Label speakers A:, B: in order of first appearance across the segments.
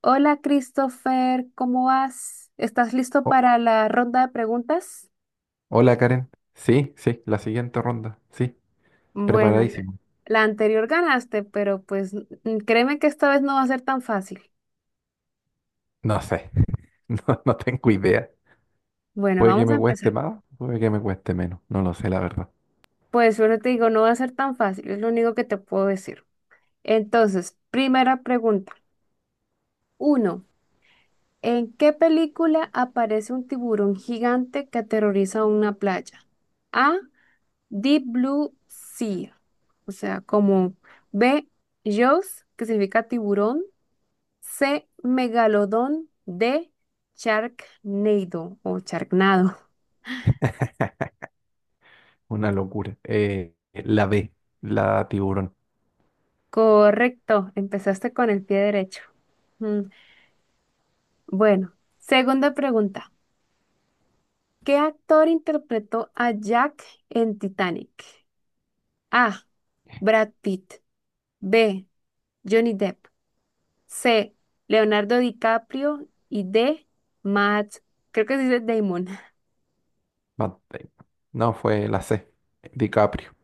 A: Hola Christopher, ¿cómo vas? ¿Estás listo
B: Oh,
A: para la ronda de preguntas?
B: hola Karen. Sí, sí, la siguiente ronda. Sí,
A: Bueno, la
B: preparadísimo.
A: la anterior ganaste, pero pues créeme que esta vez no va a ser tan fácil.
B: No sé, no, no tengo idea.
A: Bueno,
B: Puede que
A: vamos
B: me
A: a
B: cueste
A: empezar.
B: más, puede que me cueste menos. No lo sé, la verdad.
A: Pues solo te digo, no va a ser tan fácil, es lo único que te puedo decir. Entonces, primera pregunta. Uno, ¿en qué película aparece un tiburón gigante que aterroriza una playa? A, Deep Blue Sea. O sea, como B, Jaws, que significa tiburón, C, megalodón, D, Sharknado o Sharknado.
B: Una locura. La B, la tiburón.
A: Correcto, empezaste con el pie derecho. Mm, Bueno, segunda pregunta. ¿Qué actor interpretó a Jack en Titanic? A, Brad Pitt, B, Johnny Depp, C, Leonardo DiCaprio y D, Matt, creo que se dice Damon.
B: Matt Damon. No, fue la C, DiCaprio.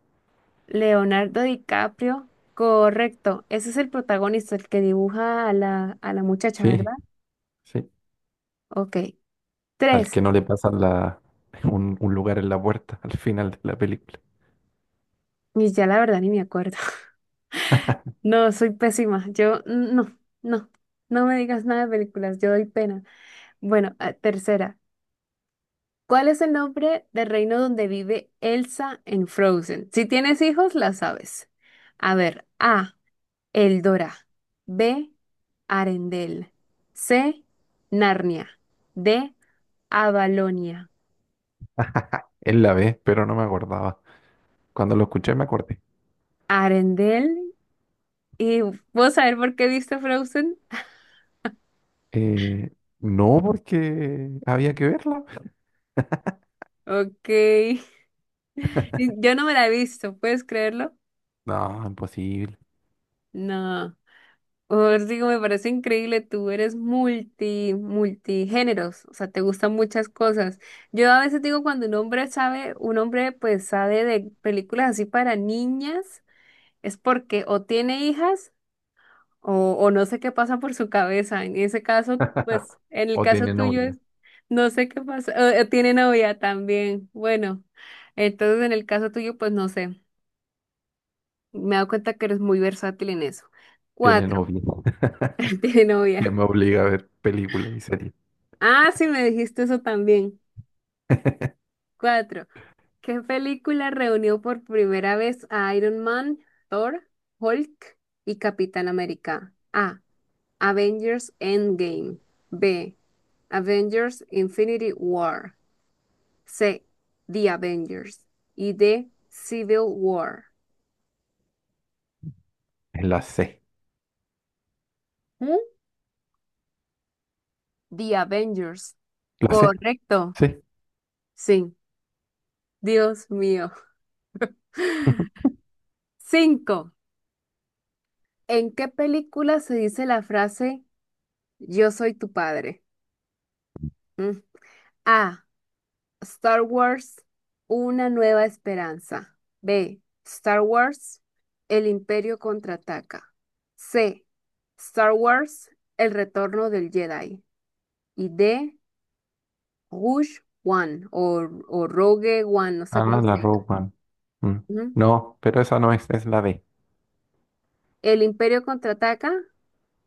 A: Leonardo DiCaprio, correcto. Ese es el protagonista, el que dibuja a la muchacha, ¿verdad?
B: Sí, sí.
A: Ok.
B: Al
A: Tres.
B: que no le pasan la, un lugar en la puerta al final de la película.
A: Y ya la verdad ni me acuerdo. No, soy pésima. Yo, no, no. No me digas nada de películas, yo doy pena. Bueno, ah, tercera. ¿Cuál es el nombre del reino donde vive Elsa en Frozen? Si tienes hijos, la sabes. A ver, A, Eldora. B, Arendelle. C, Narnia. D, Avalonia,
B: Es la B, pero no me acordaba. Cuando lo escuché me acordé.
A: Arendelle. ¿Y vos saber por qué viste Frozen?
B: Eh, no, porque había que verla.
A: Ok. Yo no me la he visto, ¿puedes creerlo?
B: No, imposible.
A: No. Os digo, me parece increíble, tú eres multigéneros, o sea, te gustan muchas cosas. Yo a veces digo cuando un hombre sabe, un hombre pues sabe de películas así para niñas, es porque o tiene hijas O, o no sé qué pasa por su cabeza. En ese caso, pues, en el
B: O
A: caso
B: tiene
A: tuyo
B: novia.
A: es, no sé qué pasa. O tiene novia también. Bueno, entonces en el caso tuyo, pues no sé. Me he dado cuenta que eres muy versátil en eso.
B: Tiene
A: Cuatro,
B: novia.
A: tiene
B: Ya
A: novia.
B: me obliga a ver películas y series.
A: Ah, sí, me dijiste eso también. Cuatro, ¿qué película reunió por primera vez a Iron Man, Thor, Hulk y Capitán América? A. Avengers Endgame. B. Avengers Infinity War. C. The Avengers. Y D. Civil War.
B: Es la C.
A: ¿Mm? The Avengers.
B: ¿La C?
A: Correcto.
B: Sí.
A: Sí. Dios mío.
B: Ujú.
A: Cinco. ¿En qué película se dice la frase Yo soy tu padre? ¿Mm? A. Star Wars. Una nueva esperanza. B. Star Wars. El Imperio contraataca. C. Star Wars. El retorno del Jedi. Y D. Rouge One o Rogue One, no sé
B: Ah,
A: cómo se
B: la
A: dice.
B: Rogue One. Mm.
A: Ujú.
B: No, pero esa no es, es la B.
A: El Imperio contraataca.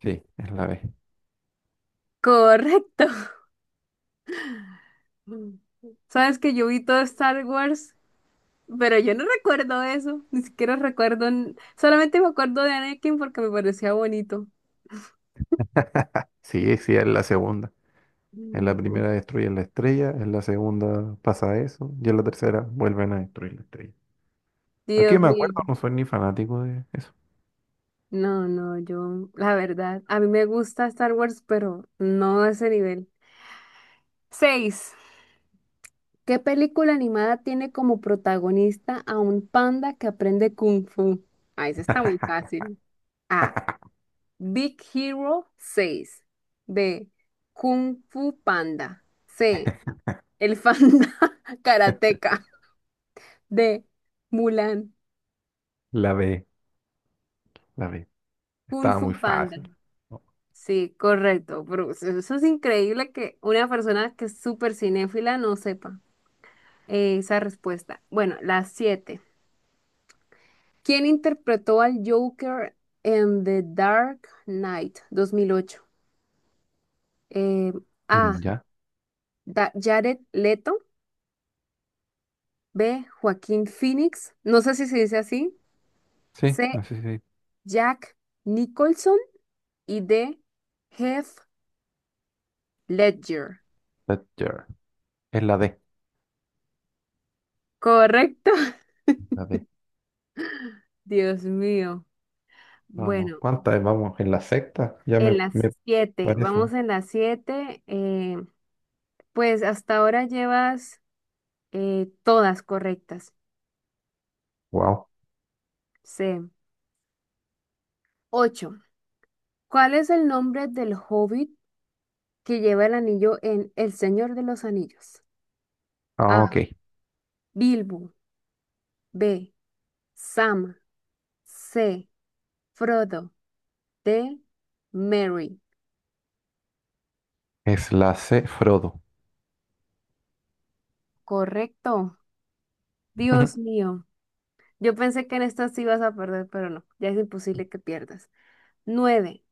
B: Sí, es la B.
A: Correcto. Mm. Sabes que yo vi todo Star Wars, pero yo no recuerdo eso. Ni siquiera recuerdo. Solamente me acuerdo de Anakin porque me parecía bonito.
B: Sí, sí, es la segunda. En
A: Mm.
B: la primera destruyen la estrella, en la segunda pasa eso, y en la tercera vuelven a destruir la estrella. Aquí
A: Dios
B: me
A: mío.
B: acuerdo, no soy ni fanático de eso.
A: No, no, yo, la verdad, a mí me gusta Star Wars, pero no a ese nivel. Seis. ¿Qué película animada tiene como protagonista a un panda que aprende kung fu? Ah, esa está muy fácil. A. Big Hero 6. B. Kung Fu Panda. C. El Fanda Karateka. D. Mulan.
B: La B, la B.
A: Kung
B: Estaba muy
A: Fu Panda.
B: fácil. Oh.
A: Sí, correcto. Bruce. Eso es increíble que una persona que es súper cinéfila no sepa esa respuesta. Bueno, las siete. ¿Quién interpretó al Joker en The Dark Knight 2008? Eh, A.
B: ¿Ya?
A: Jared Leto. B. Joaquín Phoenix. No sé si se dice así.
B: Sí,
A: C.
B: así sí.
A: Jack Nicholson. Y D. Heath Ledger.
B: Thatcher. Es la D.
A: Correcto.
B: Espérate,
A: Dios mío.
B: vamos.
A: Bueno,
B: ¿Cuántas vamos? ¿En la sexta? Ya
A: en
B: me,
A: las
B: me
A: siete.
B: parece.
A: Vamos en las siete. Pues hasta ahora llevas todas correctas.
B: Wow.
A: C. 8. ¿Cuál es el nombre del hobbit que lleva el anillo en El Señor de los Anillos? A.
B: Ah, ok.
A: Bilbo. B. Sam. C. Frodo. D. Mary.
B: Es la C, Frodo.
A: Correcto. Dios mío. Yo pensé que en esta sí ibas a perder, pero no. Ya es imposible que pierdas. 9.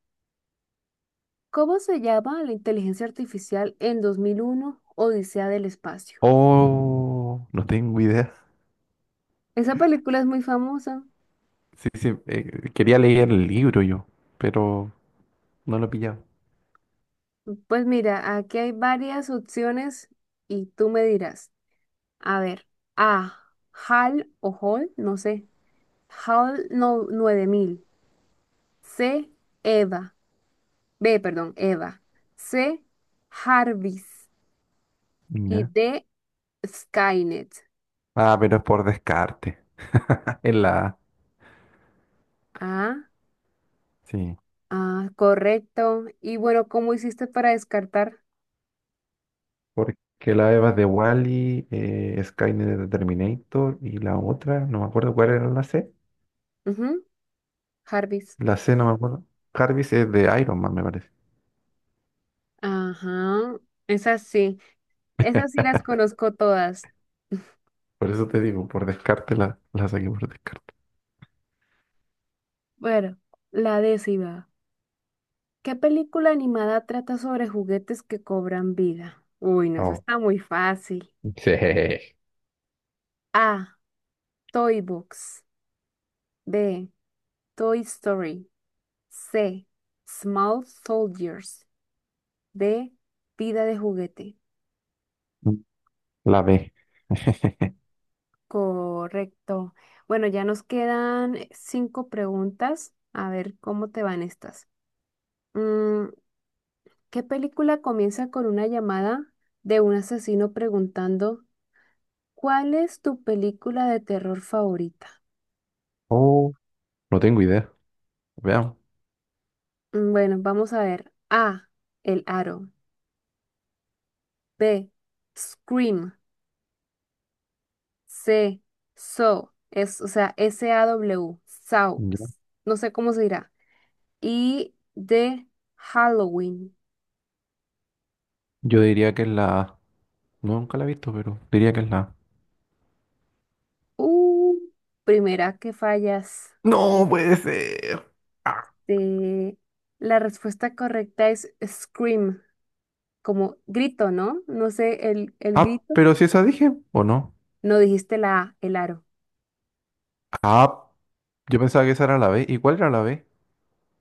A: ¿Cómo se llama la inteligencia artificial en 2001? Odisea del Espacio?
B: Oh, no tengo idea.
A: Esa película es muy famosa.
B: Sí, sí, quería leer el libro yo, pero no lo he pillado.
A: Pues mira, aquí hay varias opciones y tú me dirás. A ver, A, HAL o hall, no sé. HAL no, 9000, C, EVA. B, perdón, EVA. C, Jarvis. Y
B: Ya.
A: D, Skynet.
B: Ah, pero es por descarte. Es la A,
A: Ah,
B: sí.
A: ah, correcto. Y bueno, ¿cómo hiciste para descartar?
B: Porque la Eva es de Wally, Skynet de Terminator y la otra, no me acuerdo cuál era la C.
A: Ujú, Jarvis.
B: La C no me acuerdo. Jarvis es de Iron Man, me parece.
A: Ajá, esas sí. Esas sí las conozco todas.
B: Por eso te digo, por descarte la saqué por descarte.
A: Bueno, la décima. ¿Qué película animada trata sobre juguetes que cobran vida? Uy, no, eso
B: Oh,
A: está muy fácil.
B: sí.
A: A. Toy Box. B. Toy Story. C. Small Soldiers. D. Vida de juguete.
B: La B.
A: Correcto. Bueno, ya nos quedan cinco preguntas. A ver cómo te van estas. Mm, ¿Qué película comienza con una llamada de un asesino preguntando, ¿cuál es tu película de terror favorita?
B: Oh, no tengo idea. Veamos.
A: Bueno, vamos a ver. A, el aro. B, scream. C, so. Es, o sea, SAW. Saw.
B: Ya.
A: No sé cómo se dirá. Y D, Halloween.
B: Yo diría que es la A. No, nunca la he visto, pero diría que es la A.
A: Uh, primera que fallas.
B: No puede ser. Ah,
A: Este, la respuesta correcta es scream, como grito, ¿no? No sé, el
B: ah,
A: grito.
B: pero si esa dije, ¿o no?
A: No dijiste la A, el aro.
B: Ah, yo pensaba que esa era la B. ¿Y cuál era la B?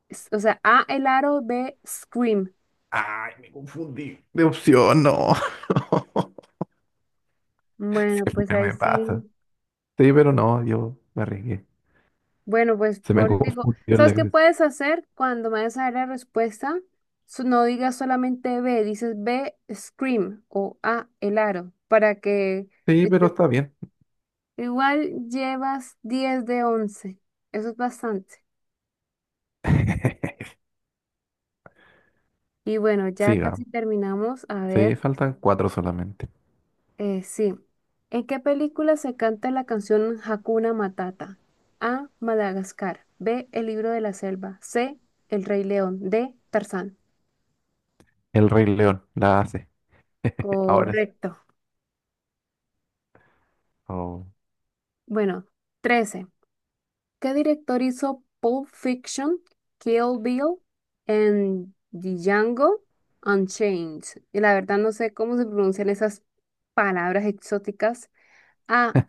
A: O sea, A, el aro, B, scream.
B: Ay, me confundí. De opción, no.
A: Bueno, pues
B: Siempre
A: ahí
B: me pasa.
A: sí.
B: Sí, pero no, yo me arriesgué.
A: Bueno, pues
B: Se me
A: por eso digo,
B: confundió en la
A: ¿sabes qué
B: cabeza.
A: puedes hacer cuando me des a dar la respuesta? No digas solamente B, dices B, scream o A, el aro, para que
B: Sí, pero
A: este,
B: está bien.
A: igual llevas 10 de 11. Eso es bastante. Y bueno, ya
B: Siga.
A: casi terminamos. A ver,
B: Sí, faltan cuatro solamente.
A: sí. ¿En qué película se canta la canción Hakuna Matata? A, Madagascar. B, El libro de la selva. C, El Rey León. D, Tarzán.
B: El Rey León, la hace. Ahora es.
A: Correcto.
B: Oh,
A: Bueno, 13. ¿Qué director hizo Pulp Fiction, Kill Bill en Django Unchained? Y la verdad no sé cómo se pronuncian esas palabras exóticas. A.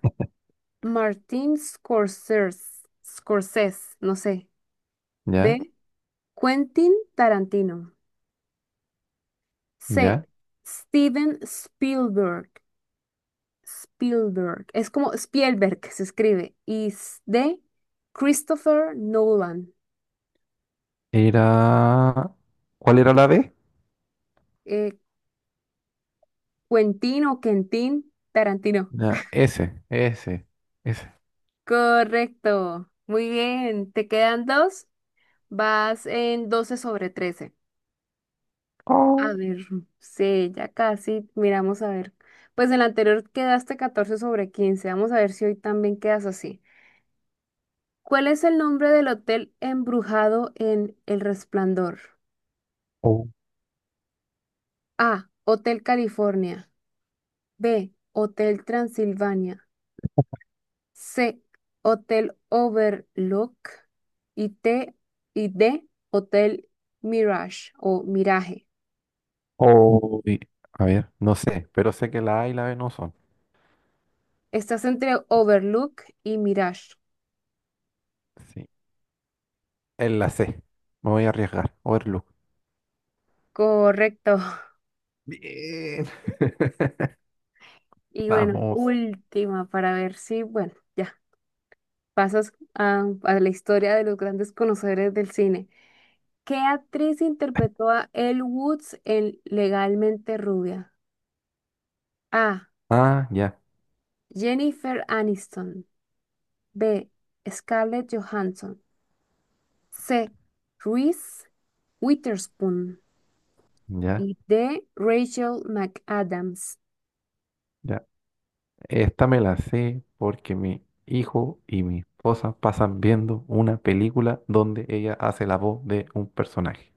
A: Martin Scorsese, Scorsese, no sé.
B: ya,
A: B. Quentin Tarantino. C.
B: ya.
A: Steven Spielberg. Spielberg. Es como Spielberg se escribe. Y D. Christopher Nolan.
B: Era. ¿Cuál era la B?
A: Eh, Quentin o Quentin Tarantino.
B: Ya, S, S, S.
A: Correcto. Muy bien. Te quedan dos. Vas en 12 sobre 13. A
B: Oh,
A: ver, sí, ya casi. Miramos a ver. Pues en la anterior quedaste 14 sobre 15. Vamos a ver si hoy también quedas así. ¿Cuál es el nombre del hotel embrujado en El Resplandor?
B: oh,
A: A. Hotel California. B. Hotel Transilvania. C, Hotel Overlook y T y D, Hotel Mirage o Mirage.
B: oh. Y a ver, no sé, pero sé que la A y la B no son.
A: Estás entre Overlook y Mirage.
B: Sí. Es la C. Me voy a arriesgar. Overlook.
A: Correcto.
B: Bien.
A: Y bueno,
B: Vamos.
A: última para ver si, bueno, ya pasas a la historia de los grandes conocedores del cine. ¿Qué actriz interpretó a Elle Woods en Legalmente Rubia? A.
B: Ah, ya,
A: Jennifer Aniston. B. Scarlett Johansson. C. Reese Witherspoon
B: ya,
A: y D. Rachel McAdams.
B: ya. Esta me la sé porque mi hijo y mi esposa pasan viendo una película donde ella hace la voz de un personaje.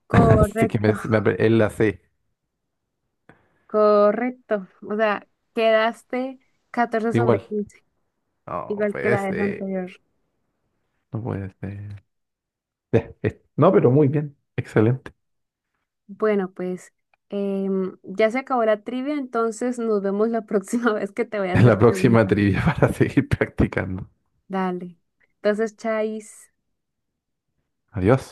B: Así que
A: Correcto,
B: me- me apre- él la sé
A: correcto. O sea, quedaste catorce sobre
B: igual.
A: 15,
B: No
A: igual que
B: puede
A: la vez
B: ser.
A: anterior.
B: No puede ser. Ya, es- No, pero muy bien. Excelente.
A: Bueno, pues ya se acabó la trivia, entonces nos vemos la próxima vez que te voy a
B: En la
A: hacer
B: próxima
A: preguntas.
B: trivia para seguir practicando.
A: Dale. Entonces, Chais.
B: Adiós.